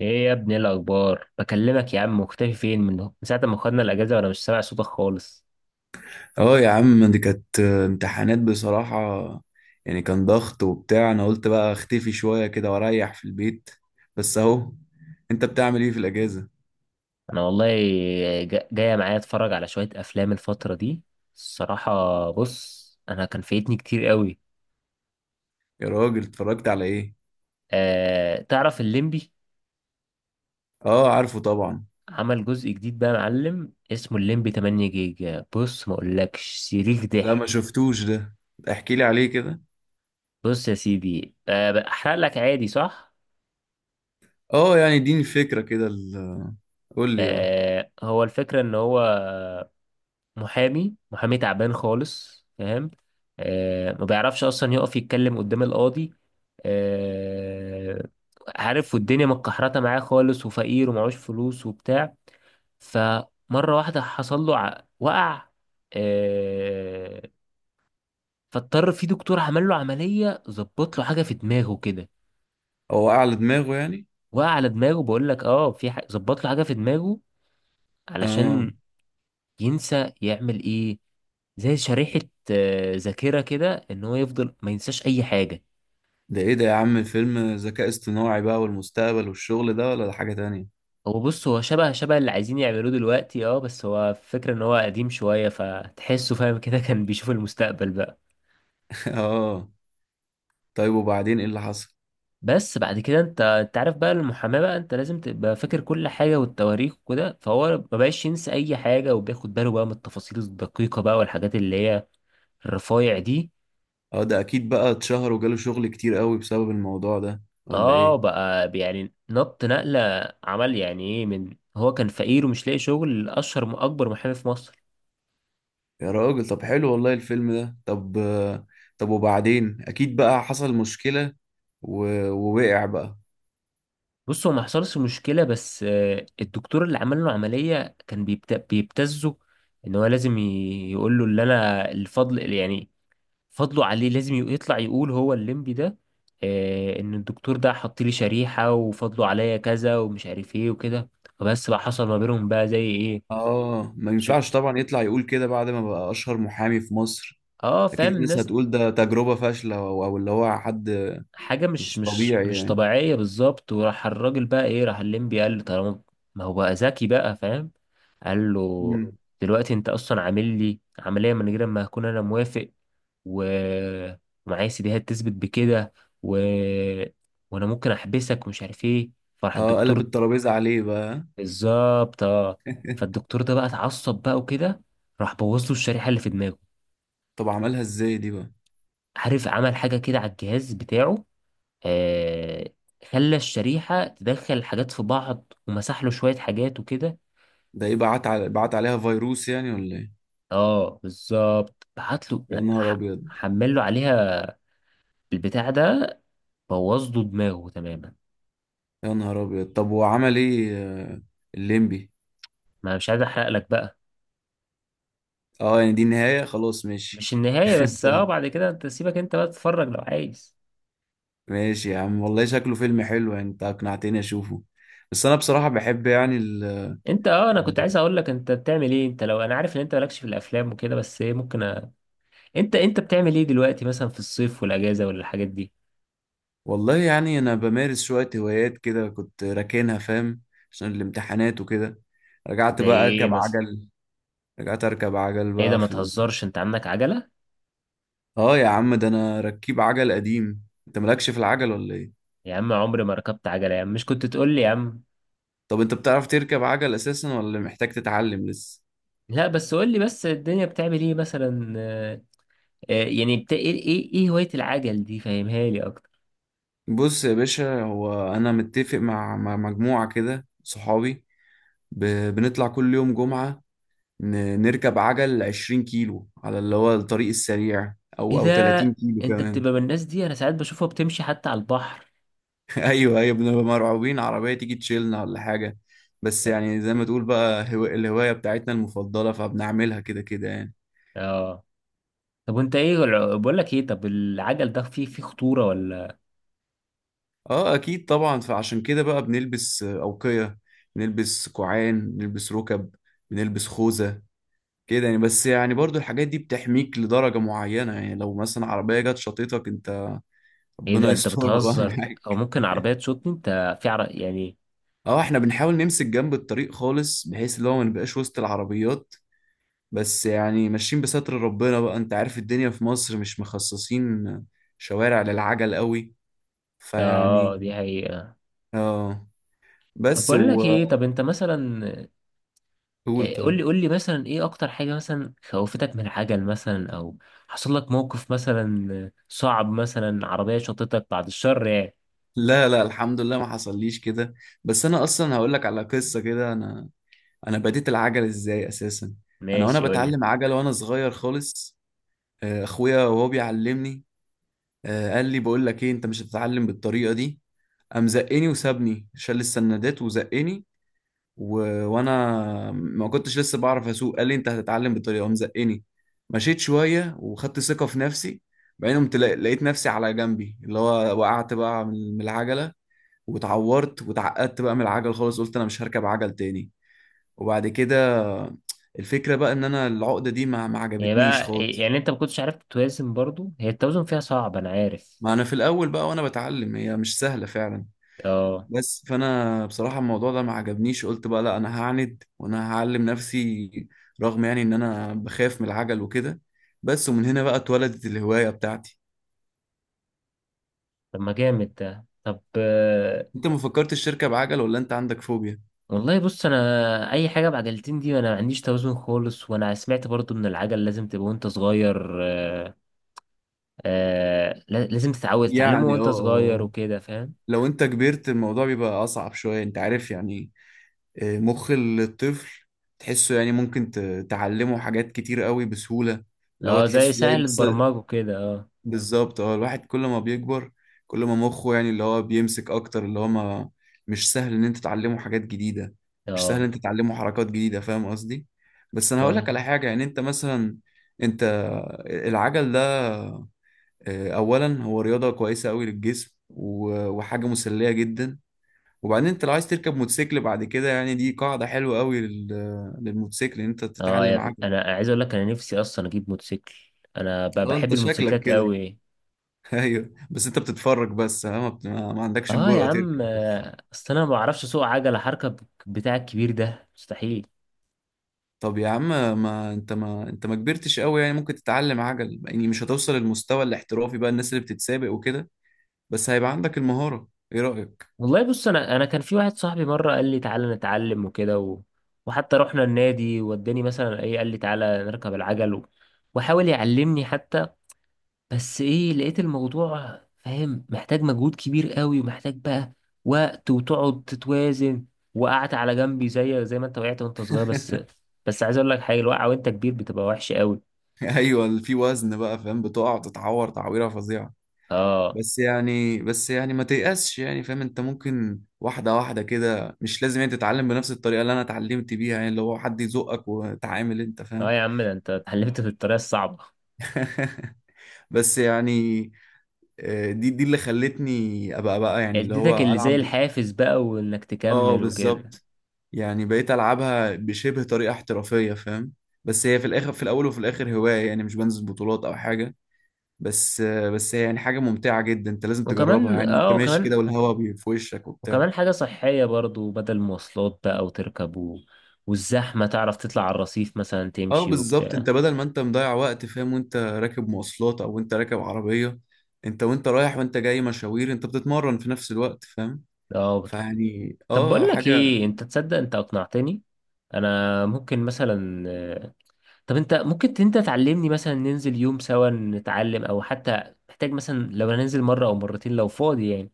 ايه يا ابني، إيه الاخبار؟ بكلمك يا عم، مختفي فين من ساعه ما خدنا الاجازه وانا مش سامع صوتك خالص. اه يا عم، دي كانت امتحانات بصراحة. يعني كان ضغط وبتاع، انا قلت بقى اختفي شوية كده واريح في البيت. بس اهو. انت بتعمل ايه في الاجازة؟ انا والله جايه معايا اتفرج على شويه افلام الفتره دي. الصراحه بص، انا كان فايتني كتير قوي. يا راجل، اتفرجت على ايه؟ أه تعرف الليمبي؟ اه، عارفه طبعا. عمل جزء جديد بقى يا معلم، اسمه الليمبي 8 جيجا، بص ما اقولكش صريخ لا، ضحك. ما شفتوش ده. احكي لي عليه كده. بص يا سيدي، أه بحرق لك عادي، صح؟ اه يعني اديني فكرة كده قول لي اه. أه، هو الفكره ان هو محامي تعبان خالص، فاهم؟ آه، ما بيعرفش اصلا يقف يتكلم قدام القاضي. آه، عارف، والدنيا متكحرته معاه خالص، وفقير ومعهوش فلوس وبتاع. فمره واحده حصل له وقع. آه، فاضطر في دكتور عمل له عمليه، ظبط له حاجه في دماغه كده. هو اعلى دماغه يعني؟ وقع على دماغه، بقول لك اه، في ظبط له حاجه في دماغه، اه، علشان ينسى يعمل ايه. زي شريحة، آه، ذاكرة كده، ان هو يفضل ما ينساش اي حاجة. ده ايه ده يا عم؟ فيلم ذكاء اصطناعي بقى والمستقبل والشغل ده ولا ده حاجة تانية؟ هو بص، هو شبه اللي عايزين يعملوه دلوقتي اه، بس هو فكرة ان هو قديم شوية، فتحسه فاهم كده كان بيشوف المستقبل بقى. اه. طيب وبعدين ايه اللي حصل؟ بس بعد كده انت عارف بقى المحاماة، بقى انت لازم تبقى فاكر كل حاجة والتواريخ وكده، فهو ما بقاش ينسى اي حاجة، وبياخد باله بقى من التفاصيل الدقيقة بقى والحاجات اللي هي الرفايع دي. اه، ده اكيد بقى اتشهر وجاله شغل كتير قوي بسبب الموضوع ده ولا اه ايه؟ بقى يعني نقلة، عمل يعني ايه، من هو كان فقير ومش لاقي شغل، اشهر اكبر محامي في مصر. يا راجل طب حلو والله الفيلم ده. طب طب وبعدين اكيد بقى حصل مشكلة و... ووقع بقى. بص، هو ما حصلش مشكلة، بس آه، الدكتور اللي عمل له عملية كان بيبتزه ان هو لازم يقول له اللي انا الفضل اللي يعني فضله عليه، لازم يطلع يقول هو الليمبي ده، آه، ان الدكتور ده حط لي شريحة وفضله عليا كذا ومش عارف ايه وكده. فبس بقى حصل ما بينهم بقى زي ايه. اه، ما ش- ينفعش طبعا يطلع يقول كده بعد ما بقى اشهر محامي في مصر. اه، اكيد فاهم الناس الناس، هتقول ده تجربة فاشلة او اللي هو حد حاجة مش مش مش طبيعي مش يعني. طبيعية بالظبط، وراح الراجل بقى ايه، راح الليمبي قال له طالما، ما هو بقى ذكي بقى فاهم، قال له مم. دلوقتي انت اصلا عامل لي عملية من غير ما اكون انا موافق، و... ومعايا سيديهات تثبت بكده، و... وانا ممكن احبسك ومش عارف ايه، فراح اه، قلب الدكتور. الترابيزة عليه بقى. بالظبط اه. فالدكتور ده بقى اتعصب بقى وكده، راح بوظ له الشريحة اللي في دماغه. طب عملها ازاي دي بقى؟ عارف، عمل حاجة كده على الجهاز بتاعه، آه، خلى الشريحة تدخل حاجات في بعض، ومسح له شوية حاجات وكده. ده ايه، بعت عليها فيروس يعني ولا ايه؟ اه بالظبط، بعت له يا لا، نهار ابيض. حمل له عليها البتاع ده، بوظ له دماغه تماما. يا نهار ابيض، طب وعمل ايه الليمبي؟ ما أنا مش عايز احرق لك بقى. اه يعني دي النهاية خلاص، ماشي. مش النهاية، بس اه طيب. بعد كده انت سيبك، انت بقى تتفرج لو عايز. ماشي يا عم، والله شكله فيلم حلو، يعني انت اقنعتني اشوفه. بس انا بصراحة بحب يعني انت، اه انا كنت عايز ال... اقول لك انت بتعمل ايه، انت لو انا عارف ان انت مالكش في الافلام وكده، بس ايه ممكن أ... انت بتعمل ايه دلوقتي مثلا في الصيف والاجازة، ولا الحاجات دي؟ والله يعني انا بمارس شوية هوايات كده كنت راكنها فاهم، عشان الامتحانات وكده. رجعت زي بقى ايه اركب مثلا؟ عجل. رجعت اركب عجل ايه ده، بقى ما في تهزرش، انت عندك عجلة؟ اه يا عم، ده انا ركيب عجل قديم. انت مالكش في العجل ولا ايه؟ يا عم عمري ما ركبت عجلة يا عم، مش كنت تقول لي يا عم؟ طب انت بتعرف تركب عجل اساسا ولا محتاج تتعلم لسه؟ لا بس قول لي بس، الدنيا بتعمل ايه مثلا، يعني ايه ايه إيه هواية العجل دي؟ فهمها لي اكتر. بص يا باشا، هو انا متفق مع مجموعه كده صحابي. ب... بنطلع كل يوم جمعه، نركب عجل 20 كيلو على اللي هو الطريق السريع ايه او ده، 30 كيلو انت كمان. بتبقى من الناس دي؟ انا ساعات بشوفها بتمشي حتى على البحر. ايوه ايوه، بنبقى مرعوبين عربيه تيجي تشيلنا ولا حاجه. بس اه. يعني زي ما تقول بقى الهوايه بتاعتنا المفضله، فبنعملها كده كده يعني. آه. طب وانت ايه بقول لك ايه، طب العجل ده فيه خطورة ولا؟ اه اكيد طبعا، فعشان كده بقى بنلبس اوقيه، نلبس كوعان، نلبس ركب، بنلبس خوذه كده يعني. بس يعني برضو الحاجات دي بتحميك لدرجة معينة. يعني لو مثلا عربية جت شاطتك انت، ايه ده ربنا انت يسترها بقى بتهزر، معاك. او ممكن عربية تشوطني انت في يعني؟ اه، احنا بنحاول نمسك جنب الطريق خالص، بحيث اللي هو ما نبقاش وسط العربيات. بس يعني ماشيين بستر ربنا بقى. انت عارف، الدنيا في مصر مش مخصصين شوارع للعجل قوي، فيعني. اه دي حقيقة. اه. طب بس بقول لك وقول. ايه، طب انت مثلا، إيه، قول طيب. لي قول لي مثلا ايه اكتر حاجة مثلا خوفتك من العجل مثلا، او حصل لك موقف مثلا صعب، مثلا عربية شطتك بعد الشر يعني؟ لا لا، الحمد لله ما حصليش كده. بس انا اصلا هقول لك على قصة كده. انا، انا بديت العجل ازاي اساسا. انا وانا ماشي قول لي. بتعلم عجل وانا صغير خالص، اخويا وهو بيعلمني، قال لي بقول لك ايه، انت مش هتتعلم بالطريقه دي. قام زقني وسابني، شال السندات وزقني و... وانا ما كنتش لسه بعرف اسوق. قال لي انت هتتعلم بالطريقه، قام زقني. مشيت شويه وخدت ثقه في نفسي. بعدين قمت لقيت نفسي على جنبي، اللي هو وقعت بقى من العجله، واتعورت واتعقدت بقى من العجل خالص. قلت انا مش هركب عجل تاني. وبعد كده، الفكرة بقى ان انا العقدة دي ما هي عجبتنيش بقى إيه، خالص. يعني انت ما كنتش عارف توازن؟ برضو هي التوازن فيها صعب، انا عارف. ما انا في الاول بقى وانا بتعلم هي مش سهلة فعلا. اه. بس فانا بصراحة الموضوع ده ما عجبنيش، قلت بقى لا انا هعند وانا هعلم نفسي، رغم يعني ان انا بخاف من العجل وكده. بس ومن هنا بقى اتولدت الهواية بتاعتي. طب ما جامد ده، طب انت ما فكرتش تركب بعجل ولا انت عندك فوبيا؟ والله بص، انا اي حاجة بعجلتين دي انا ما عنديش توازن خالص، وانا سمعت برضو ان العجل لازم تبقى وانت صغير، لازم تتعود تتعلمه يعني اه وانت صغير وكده، فاهم؟ لو انت كبرت الموضوع بيبقى اصعب شوية، انت عارف يعني. مخ الطفل تحسه يعني ممكن تعلمه حاجات كتير قوي بسهولة، اللي هو اه زي تحسه زي سهل لسه. برمجه كده، اه. بالظبط اه. الواحد كل ما بيكبر، كل ما مخه يعني اللي هو بيمسك اكتر، اللي هو ما مش سهل ان انت تعلمه حاجات جديدة. مش سهل ان اه انت تعلمه حركات جديدة، فاهم قصدي؟ بس انا هقول لك على فاهم. حاجة. يعني انت مثلا، انت العجل ده اولا هو رياضة كويسة قوي للجسم، وحاجة مسلية جدا. وبعدين انت لو عايز تركب موتوسيكل بعد كده، يعني دي قاعدة حلوة قوي للموتوسيكل ان انت اه يا تتعلم ابني، عجل. انا عايز اقول لك انا نفسي اصلا اجيب موتوسيكل، انا اه، بحب انت شكلك الموتوسيكلات كده. قوي. ايوه، بس انت بتتفرج بس، ها؟ ما عندكش اه يا الجرأة عم، تركب بس. اصل انا ما بعرفش اسوق عجله حركه بتاع، الكبير ده مستحيل. طب يا عم، ما انت ما كبرتش قوي يعني. ممكن تتعلم عجل يعني، مش هتوصل للمستوى الاحترافي بقى، الناس اللي بتتسابق وكده، بس هيبقى عندك المهارة. ايه رأيك؟ والله بص، انا كان في واحد صاحبي مره قال لي تعالى نتعلم وكده، و... وحتى رحنا النادي، وداني مثلا ايه، قال لي تعالى نركب العجل و... وحاول يعلمني حتى. بس ايه، لقيت الموضوع فاهم محتاج مجهود كبير قوي، ومحتاج بقى وقت، وتقعد تتوازن، وقعت على جنبي زي ما انت وقعت وانت صغير، بس. بس عايز اقول لك حاجه، الوقعه وانت كبير بتبقى وحشه قوي. ايوه في وزن بقى، فاهم، بتقع تتعور تعويرة فظيعة. اه. بس يعني ما تيأسش يعني، فاهم؟ انت ممكن واحدة واحدة كده، مش لازم انت تتعلم بنفس الطريقة اللي انا اتعلمت بيها، يعني اللي هو حد يزقك وتعامل انت، فاهم؟ اه يا عم، ده انت اتعلمت في الطريقه الصعبه. بس يعني، دي اللي خلتني ابقى بقى يعني اللي اديتك هو اللي زي العب. الحافز بقى، وانك اه تكمل وكده. بالظبط. يعني بقيت العبها بشبه طريقة احترافية، فاهم. بس هي في الاخر، في الاول وفي الاخر هواية يعني، مش بنزل بطولات او حاجة. بس بس هي يعني حاجة ممتعة جدا، انت لازم تجربها. وكمان يعني انت اه، ماشي كده وكمان، والهوا في وشك وبتاع. وكمان حاجه صحيه برضو، بدل مواصلات بقى وتركب و... والزحمه تعرف تطلع على الرصيف مثلا اه تمشي بالظبط. وبتاع. انت بدل ما انت مضيع وقت فاهم، وانت راكب مواصلات او انت راكب عربية، انت وانت رايح وانت جاي مشاوير، انت بتتمرن في نفس الوقت، فاهم؟ اه فيعني طب اه بقول لك حاجة. ايه، انت تصدق انت اقنعتني؟ انا ممكن مثلا طب انت ممكن انت تعلمني مثلا، ننزل يوم سوا نتعلم، او حتى محتاج مثلا لو هننزل مرة او مرتين لو فاضي يعني؟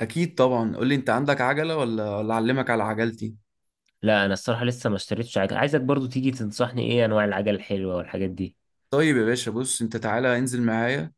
اكيد طبعا، قول لي انت عندك عجلة ولا اعلمك على عجلتي. لا انا الصراحة لسه ما اشتريتش عجل، عايزك برضو تيجي تنصحني ايه انواع العجل الحلوة والحاجات دي. طيب يا باشا، بص انت تعالى انزل معايا،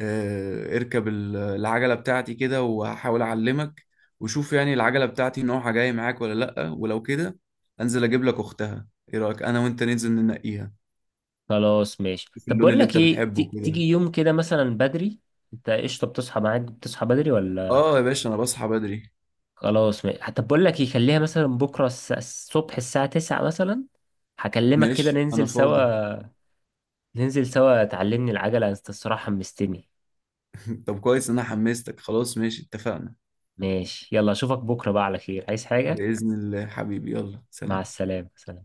اه اركب العجلة بتاعتي كده، وهحاول اعلمك، وشوف يعني العجلة بتاعتي نوعها جاي معاك ولا لأ. ولو كده انزل اجيب لك اختها. ايه رأيك انا وانت ننزل ننقيها، خلاص ماشي، شوف طب اللون بقول اللي لك انت ايه، بتحبه تيجي كده. يوم كده مثلا بدري؟ انت قشطة، بتصحى معاك؟ بتصحى بدري ولا؟ اه يا باشا انا بصحى بدري. خلاص حتى بقول لك يخليها مثلا بكرة الصبح الساعة 9 مثلا، هكلمك كده ماشي انا ننزل فاضي. سوا. ننزل سوا تعلمني العجلة، انت الصراحة حمستني. طب كويس إن انا حمستك. خلاص، ماشي اتفقنا. ماشي يلا، اشوفك بكرة بقى على خير، عايز حاجة؟ بإذن الله حبيبي، يلا مع سلام. السلامة، سلام.